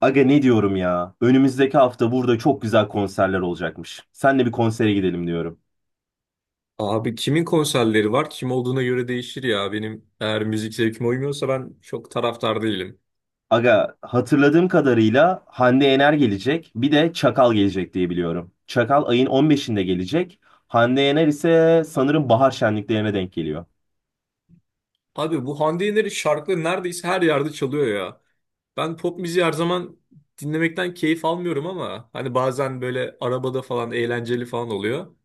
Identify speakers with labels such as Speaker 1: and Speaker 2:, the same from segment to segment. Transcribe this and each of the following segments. Speaker 1: Aga ne diyorum ya? Önümüzdeki hafta burada çok güzel konserler olacakmış. Senle bir konsere gidelim diyorum.
Speaker 2: Abi kimin konserleri var? Kim olduğuna göre değişir ya. Benim eğer müzik zevkime uymuyorsa ben çok taraftar değilim.
Speaker 1: Aga hatırladığım kadarıyla Hande Yener gelecek. Bir de Çakal gelecek diye biliyorum. Çakal ayın 15'inde gelecek. Hande Yener ise sanırım bahar şenliklerine denk geliyor.
Speaker 2: Abi bu Hande Yener'in şarkıları neredeyse her yerde çalıyor ya. Ben pop müziği her zaman dinlemekten keyif almıyorum ama hani bazen böyle arabada falan eğlenceli falan oluyor.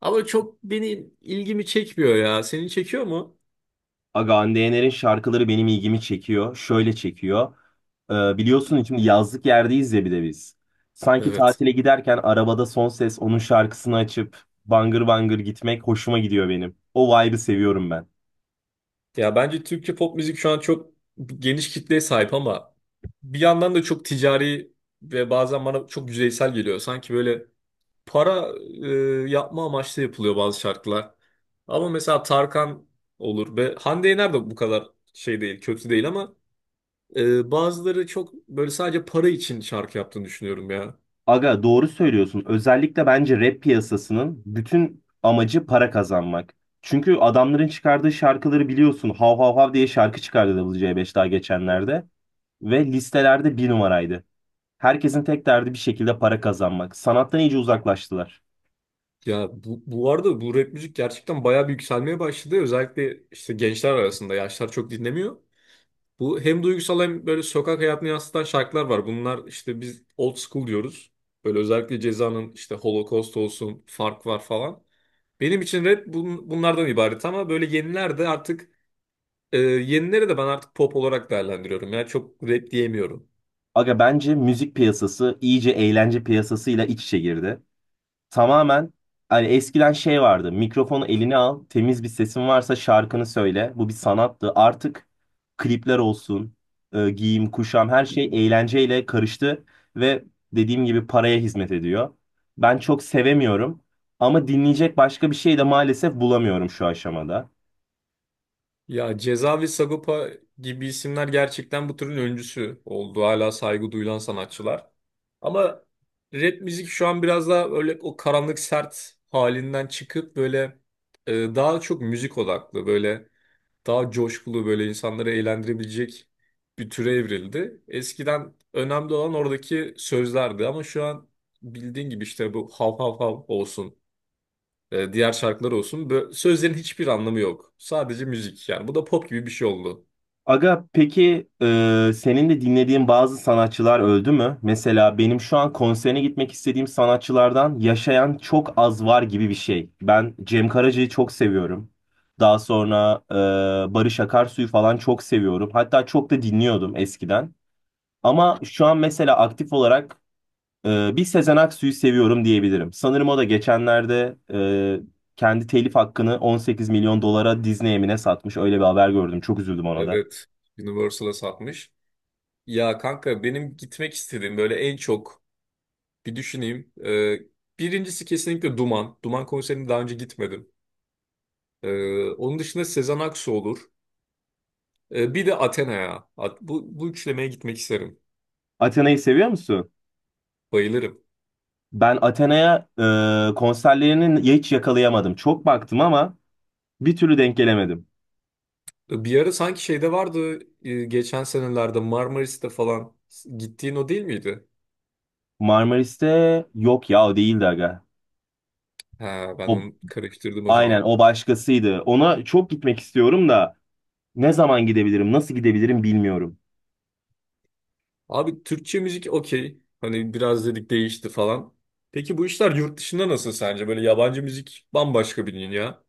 Speaker 2: Ama çok benim ilgimi çekmiyor ya. Seni çekiyor mu?
Speaker 1: Aga Hande Yener'in şarkıları benim ilgimi çekiyor. Şöyle çekiyor. Biliyorsun şimdi yazlık yerdeyiz ya bir de biz. Sanki
Speaker 2: Evet.
Speaker 1: tatile giderken arabada son ses onun şarkısını açıp bangır bangır gitmek hoşuma gidiyor benim. O vibe'ı seviyorum ben.
Speaker 2: Ya bence Türkçe pop müzik şu an çok geniş kitleye sahip ama bir yandan da çok ticari ve bazen bana çok yüzeysel geliyor. Sanki böyle para yapma amaçlı yapılıyor bazı şarkılar. Ama mesela Tarkan olur ve Hande Yener de bu kadar şey değil, kötü değil ama bazıları çok böyle sadece para için şarkı yaptığını düşünüyorum ya.
Speaker 1: Aga doğru söylüyorsun. Özellikle bence rap piyasasının bütün amacı para kazanmak. Çünkü adamların çıkardığı şarkıları biliyorsun. Hav hav hav diye şarkı çıkardı WC5 daha geçenlerde. Ve listelerde bir numaraydı. Herkesin tek derdi bir şekilde para kazanmak. Sanattan iyice uzaklaştılar.
Speaker 2: Ya bu arada bu rap müzik gerçekten bayağı bir yükselmeye başladı. Özellikle işte gençler arasında yaşlar çok dinlemiyor. Bu hem duygusal hem böyle sokak hayatını yansıtan şarkılar var. Bunlar işte biz old school diyoruz. Böyle özellikle Ceza'nın işte Holocaust olsun, Fark var falan. Benim için rap bunlardan ibaret ama böyle yeniler de artık yenilere de ben artık pop olarak değerlendiriyorum. Yani çok rap diyemiyorum.
Speaker 1: Aga bence müzik piyasası iyice eğlence piyasasıyla iç içe girdi. Tamamen hani eskiden şey vardı. Mikrofonu eline al, temiz bir sesin varsa şarkını söyle. Bu bir sanattı. Artık klipler olsun, giyim, kuşam her şey eğlenceyle karıştı ve dediğim gibi paraya hizmet ediyor. Ben çok sevemiyorum ama dinleyecek başka bir şey de maalesef bulamıyorum şu aşamada.
Speaker 2: Ya Ceza ve Sagopa gibi isimler gerçekten bu türün öncüsü oldu. Hala saygı duyulan sanatçılar. Ama rap müzik şu an biraz daha öyle o karanlık sert halinden çıkıp böyle daha çok müzik odaklı, böyle daha coşkulu, böyle insanları eğlendirebilecek bir türe evrildi. Eskiden önemli olan oradaki sözlerdi ama şu an bildiğin gibi işte bu hav hav hav olsun. Diğer şarkılar olsun. Sözlerin hiçbir anlamı yok. Sadece müzik yani. Bu da pop gibi bir şey oldu.
Speaker 1: Aga peki senin de dinlediğin bazı sanatçılar öldü mü? Mesela benim şu an konserine gitmek istediğim sanatçılardan yaşayan çok az var gibi bir şey. Ben Cem Karaca'yı çok seviyorum. Daha sonra Barış Akarsu'yu falan çok seviyorum. Hatta çok da dinliyordum eskiden. Ama şu an mesela aktif olarak bir Sezen Aksu'yu seviyorum diyebilirim. Sanırım o da geçenlerde kendi telif hakkını 18 milyon dolara Disney'e mi ne satmış. Öyle bir haber gördüm. Çok üzüldüm ona da.
Speaker 2: Evet. Universal'a satmış. Ya kanka benim gitmek istediğim böyle en çok bir düşüneyim. Birincisi kesinlikle Duman. Duman konserine daha önce gitmedim. E, Onun dışında Sezen Aksu olur. Bir de Athena'ya. Bu üçlemeye gitmek isterim.
Speaker 1: Athena'yı seviyor musun?
Speaker 2: Bayılırım.
Speaker 1: Ben Athena'ya konserlerini hiç yakalayamadım. Çok baktım ama bir türlü denk gelemedim.
Speaker 2: Bir ara sanki şeyde vardı geçen senelerde Marmaris'te falan gittiğin o değil miydi?
Speaker 1: Marmaris'te yok ya o değildi aga.
Speaker 2: Ha, ben
Speaker 1: O,
Speaker 2: onu karıştırdım o
Speaker 1: aynen
Speaker 2: zaman.
Speaker 1: o başkasıydı. Ona çok gitmek istiyorum da ne zaman gidebilirim, nasıl gidebilirim bilmiyorum.
Speaker 2: Abi Türkçe müzik okey. Hani biraz dedik değişti falan. Peki bu işler yurt dışında nasıl sence? Böyle yabancı müzik bambaşka bir dünya.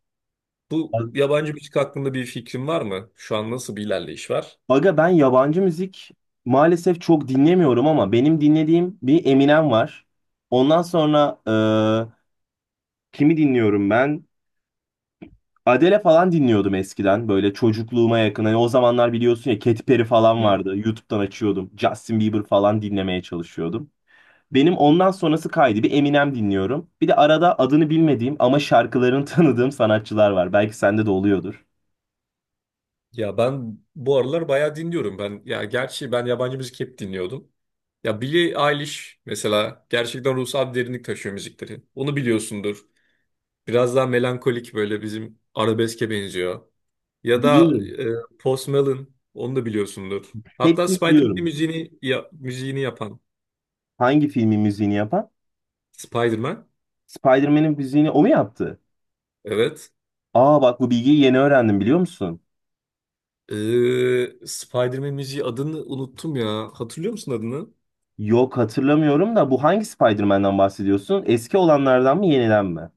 Speaker 2: Bu yabancı müzik hakkında bir fikrin var mı? Şu an nasıl bir ilerleyiş var?
Speaker 1: Aga ben yabancı müzik maalesef çok dinlemiyorum ama benim dinlediğim bir Eminem var. Ondan sonra e, kimi dinliyorum ben? Adele falan dinliyordum eskiden böyle çocukluğuma yakın. Hani o zamanlar biliyorsun ya Katy Perry falan
Speaker 2: Hı.
Speaker 1: vardı. YouTube'dan açıyordum. Justin Bieber falan dinlemeye çalışıyordum. Benim ondan sonrası kaydı. Bir Eminem dinliyorum. Bir de arada adını bilmediğim ama şarkılarını tanıdığım sanatçılar var. Belki sende de oluyordur.
Speaker 2: Ya ben bu aralar bayağı dinliyorum. Ben ya gerçi ben yabancı müzik hep dinliyordum. Ya Billie Eilish mesela gerçekten ruhsal bir derinlik taşıyor müzikleri. Onu biliyorsundur. Biraz daha melankolik böyle bizim arabeske benziyor. Ya da
Speaker 1: Biliyorum.
Speaker 2: Post Malone onu da biliyorsundur. Hatta
Speaker 1: Hepsini
Speaker 2: Spider-Man
Speaker 1: biliyorum.
Speaker 2: müziğini ya, müziğini yapan
Speaker 1: Hangi filmin müziğini yapan?
Speaker 2: Spider-Man.
Speaker 1: Spider-Man'in müziğini o mu yaptı?
Speaker 2: Evet.
Speaker 1: Aa bak bu bilgiyi yeni öğrendim biliyor musun?
Speaker 2: Spider-Man müziği adını unuttum ya. Hatırlıyor musun adını?
Speaker 1: Yok hatırlamıyorum da bu hangi Spider-Man'den bahsediyorsun? Eski olanlardan mı yeniden mi?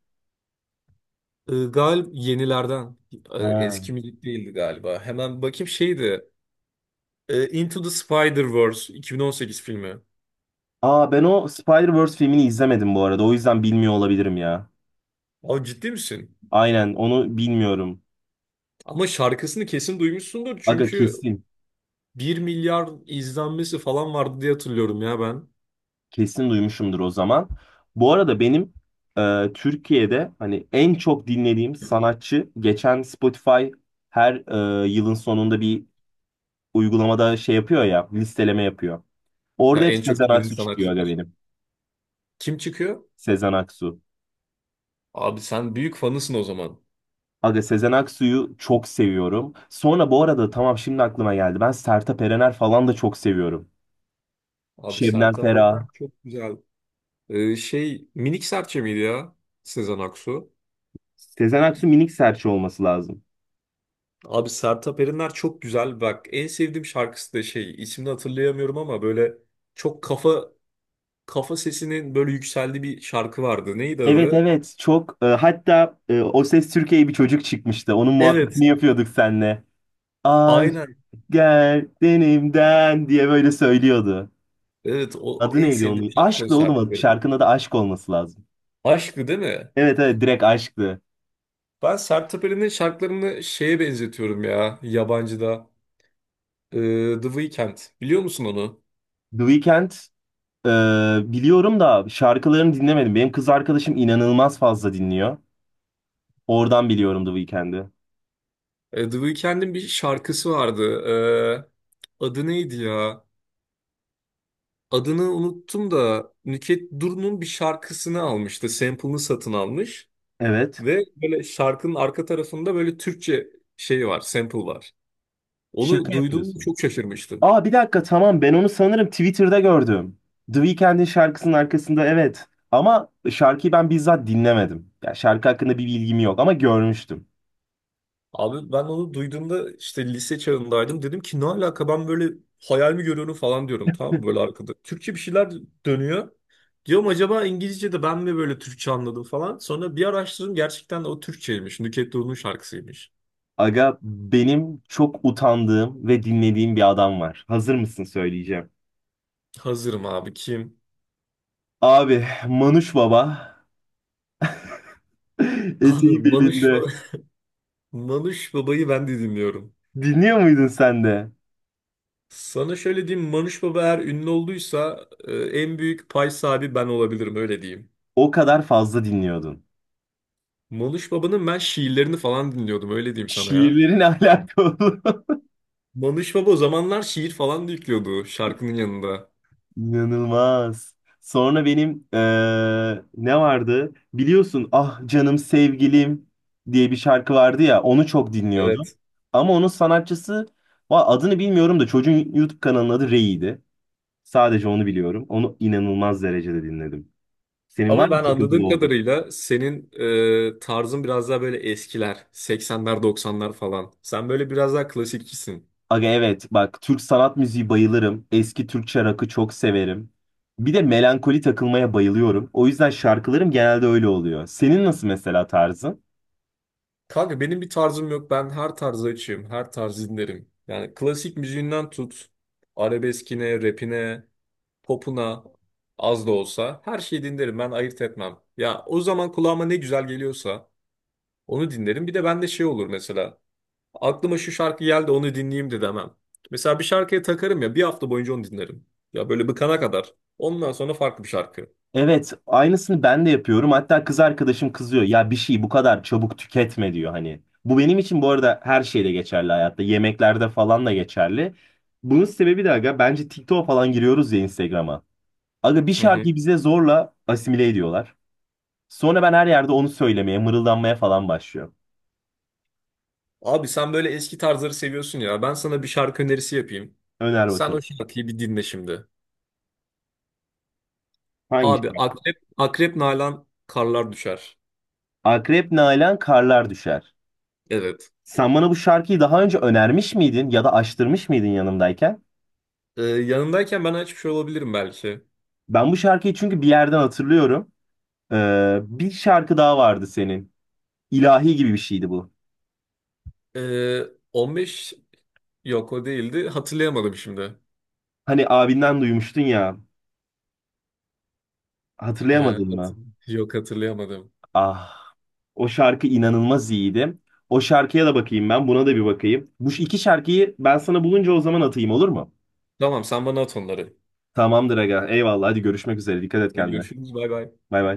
Speaker 2: Gal Yenilerden.
Speaker 1: Ha.
Speaker 2: Eski müzik değildi galiba. Hemen bakayım şeydi. Into the Spider-Verse 2018 filmi.
Speaker 1: Aa ben o Spider-Verse filmini izlemedim bu arada. O yüzden bilmiyor olabilirim ya.
Speaker 2: Abi ciddi misin?
Speaker 1: Aynen onu bilmiyorum.
Speaker 2: Ama şarkısını kesin duymuşsundur
Speaker 1: Aga
Speaker 2: çünkü
Speaker 1: kesin.
Speaker 2: bir milyar izlenmesi falan vardı diye hatırlıyorum ya ben.
Speaker 1: Kesin duymuşumdur o zaman. Bu arada benim Türkiye'de hani en çok dinlediğim sanatçı geçen Spotify her yılın sonunda bir uygulamada şey yapıyor ya, listeleme yapıyor.
Speaker 2: Ha,
Speaker 1: Orada hep
Speaker 2: en çok
Speaker 1: Sezen
Speaker 2: dinlediğin
Speaker 1: Aksu çıkıyor aga
Speaker 2: sanatçılar.
Speaker 1: benim.
Speaker 2: Kim çıkıyor?
Speaker 1: Sezen Aksu.
Speaker 2: Abi sen büyük fanısın o zaman.
Speaker 1: Aga Sezen Aksu'yu çok seviyorum. Sonra bu arada tamam, şimdi aklıma geldi. Ben Sertab Erener falan da çok seviyorum.
Speaker 2: Abi
Speaker 1: Şebnem
Speaker 2: Sertab Erener
Speaker 1: Ferah.
Speaker 2: çok güzel. Şey Minik Serçe miydi ya? Sezen Aksu.
Speaker 1: Sezen Aksu minik serçe olması lazım.
Speaker 2: Abi Sertab Erener çok güzel. Bak en sevdiğim şarkısı da şey ismini hatırlayamıyorum ama böyle çok kafa kafa sesinin böyle yükseldiği bir şarkı vardı. Neydi
Speaker 1: Evet
Speaker 2: adı?
Speaker 1: evet, çok hatta O Ses Türkiye'ye bir çocuk çıkmıştı. Onun muhabbetini
Speaker 2: Evet.
Speaker 1: yapıyorduk seninle. Aşk
Speaker 2: Aynen.
Speaker 1: gel denimden diye böyle söylüyordu.
Speaker 2: Evet o
Speaker 1: Adı
Speaker 2: en
Speaker 1: neydi
Speaker 2: sevdiğim
Speaker 1: onun?
Speaker 2: şarkı o
Speaker 1: Aşkla oğlum
Speaker 2: Sertab
Speaker 1: adı.
Speaker 2: Erener.
Speaker 1: Şarkının adı aşk olması lazım.
Speaker 2: Aşkı değil mi?
Speaker 1: Evet evet, direkt aşktı.
Speaker 2: Ben Sertab Erener'in şarkılarını şeye benzetiyorum ya yabancıda. The Weeknd. Biliyor musun onu?
Speaker 1: The Weeknd e, biliyorum da şarkılarını dinlemedim. Benim kız arkadaşım inanılmaz fazla dinliyor. Oradan biliyorum The Weeknd'i.
Speaker 2: The Weeknd'in bir şarkısı vardı. Adı neydi ya? Adını unuttum da Nükhet Duru'nun bir şarkısını almıştı. Sample'ını satın almış.
Speaker 1: Evet.
Speaker 2: Ve böyle şarkının arka tarafında böyle Türkçe şey var, sample var. Onu
Speaker 1: Şaka
Speaker 2: duyduğumda
Speaker 1: yapıyorsun.
Speaker 2: çok şaşırmıştım.
Speaker 1: Aa bir dakika, tamam, ben onu sanırım Twitter'da gördüm. The Weeknd'in şarkısının arkasında, evet. Ama şarkıyı ben bizzat dinlemedim. Ya şarkı hakkında bir bilgim yok ama görmüştüm.
Speaker 2: Abi ben onu duyduğumda işte lise çağındaydım. Dedim ki ne alaka ben böyle hayal mi görüyorum falan diyorum tamam mı böyle arkada. Türkçe bir şeyler dönüyor. Diyorum acaba İngilizce'de ben mi böyle Türkçe anladım falan. Sonra bir araştırdım gerçekten de o Türkçeymiş. Nükhet Doğulu'nun şarkısıymış.
Speaker 1: Aga benim çok utandığım ve dinlediğim bir adam var. Hazır mısın söyleyeceğim.
Speaker 2: Hazırım abi kim?
Speaker 1: Abi Manuş Baba.
Speaker 2: Abi
Speaker 1: Eteği
Speaker 2: Manuş,
Speaker 1: belinde.
Speaker 2: Ba- Manuş Baba'yı ben de dinliyorum.
Speaker 1: Dinliyor muydun sen de?
Speaker 2: Sana şöyle diyeyim Manuş Baba eğer ünlü olduysa en büyük pay sahibi ben olabilirim öyle diyeyim.
Speaker 1: O kadar fazla dinliyordun.
Speaker 2: Manuş Baba'nın ben şiirlerini falan dinliyordum öyle diyeyim sana ya.
Speaker 1: Şiirlerin alakalı.
Speaker 2: Mamış Baba o zamanlar şiir falan da yüklüyordu şarkının yanında.
Speaker 1: İnanılmaz. Sonra benim ne vardı? Biliyorsun Ah Canım Sevgilim diye bir şarkı vardı ya, onu çok dinliyordum.
Speaker 2: Evet.
Speaker 1: Ama onun sanatçısı adını bilmiyorum da çocuğun YouTube kanalının adı Rei'ydi. Sadece onu biliyorum. Onu inanılmaz derecede dinledim. Senin var
Speaker 2: Ama
Speaker 1: mı
Speaker 2: ben
Speaker 1: takıntılı
Speaker 2: anladığım
Speaker 1: olduğun?
Speaker 2: kadarıyla senin tarzın biraz daha böyle eskiler. 80'ler 90'lar falan. Sen böyle biraz daha klasikçisin.
Speaker 1: Aga evet, bak Türk sanat müziği bayılırım. Eski Türkçe rock'ı çok severim. Bir de melankoli takılmaya bayılıyorum. O yüzden şarkılarım genelde öyle oluyor. Senin nasıl mesela tarzın?
Speaker 2: Kanka benim bir tarzım yok. Ben her tarzı açığım. Her tarzı dinlerim. Yani klasik müziğinden tut. Arabeskine, rapine, popuna az da olsa her şeyi dinlerim. Ben ayırt etmem. Ya o zaman kulağıma ne güzel geliyorsa onu dinlerim. Bir de bende şey olur mesela. Aklıma şu şarkı geldi onu dinleyeyim de demem. Mesela bir şarkıya takarım ya bir hafta boyunca onu dinlerim. Ya böyle bıkana kadar. Ondan sonra farklı bir şarkı.
Speaker 1: Evet, aynısını ben de yapıyorum. Hatta kız arkadaşım kızıyor. Ya bir şeyi bu kadar çabuk tüketme diyor hani. Bu benim için bu arada her şeyde geçerli hayatta. Yemeklerde falan da geçerli. Bunun sebebi de aga bence TikTok'a falan giriyoruz ya, Instagram'a. Aga bir
Speaker 2: Hı hı.
Speaker 1: şarkıyı bize zorla asimile ediyorlar. Sonra ben her yerde onu söylemeye, mırıldanmaya falan başlıyorum.
Speaker 2: Abi sen böyle eski tarzları seviyorsun ya. Ben sana bir şarkı önerisi yapayım.
Speaker 1: Öner
Speaker 2: Sen
Speaker 1: bakalım.
Speaker 2: o şarkıyı bir dinle şimdi.
Speaker 1: Hangi
Speaker 2: Abi
Speaker 1: şarkı?
Speaker 2: Akrep, Akrep Nalan Karlar Düşer.
Speaker 1: Akrep Nalan Karlar Düşer.
Speaker 2: Evet.
Speaker 1: Sen bana bu şarkıyı daha önce önermiş miydin ya da açtırmış mıydın yanımdayken?
Speaker 2: Yanındayken ben açmış olabilirim belki.
Speaker 1: Ben bu şarkıyı çünkü bir yerden hatırlıyorum. Bir şarkı daha vardı senin. İlahi gibi bir şeydi bu.
Speaker 2: Ee, 15 yok o değildi. Hatırlayamadım şimdi.
Speaker 1: Hani abinden duymuştun ya.
Speaker 2: Ee,
Speaker 1: Hatırlayamadın
Speaker 2: hatır-
Speaker 1: mı?
Speaker 2: Yok hatırlayamadım.
Speaker 1: Ah, o şarkı inanılmaz iyiydi. O şarkıya da bakayım ben, buna da bir bakayım. Bu iki şarkıyı ben sana bulunca o zaman atayım, olur mu?
Speaker 2: Tamam sen bana at onları.
Speaker 1: Tamamdır aga. Eyvallah. Hadi görüşmek üzere. Dikkat et
Speaker 2: Hadi
Speaker 1: kendine.
Speaker 2: görüşürüz bay bay.
Speaker 1: Bay bay.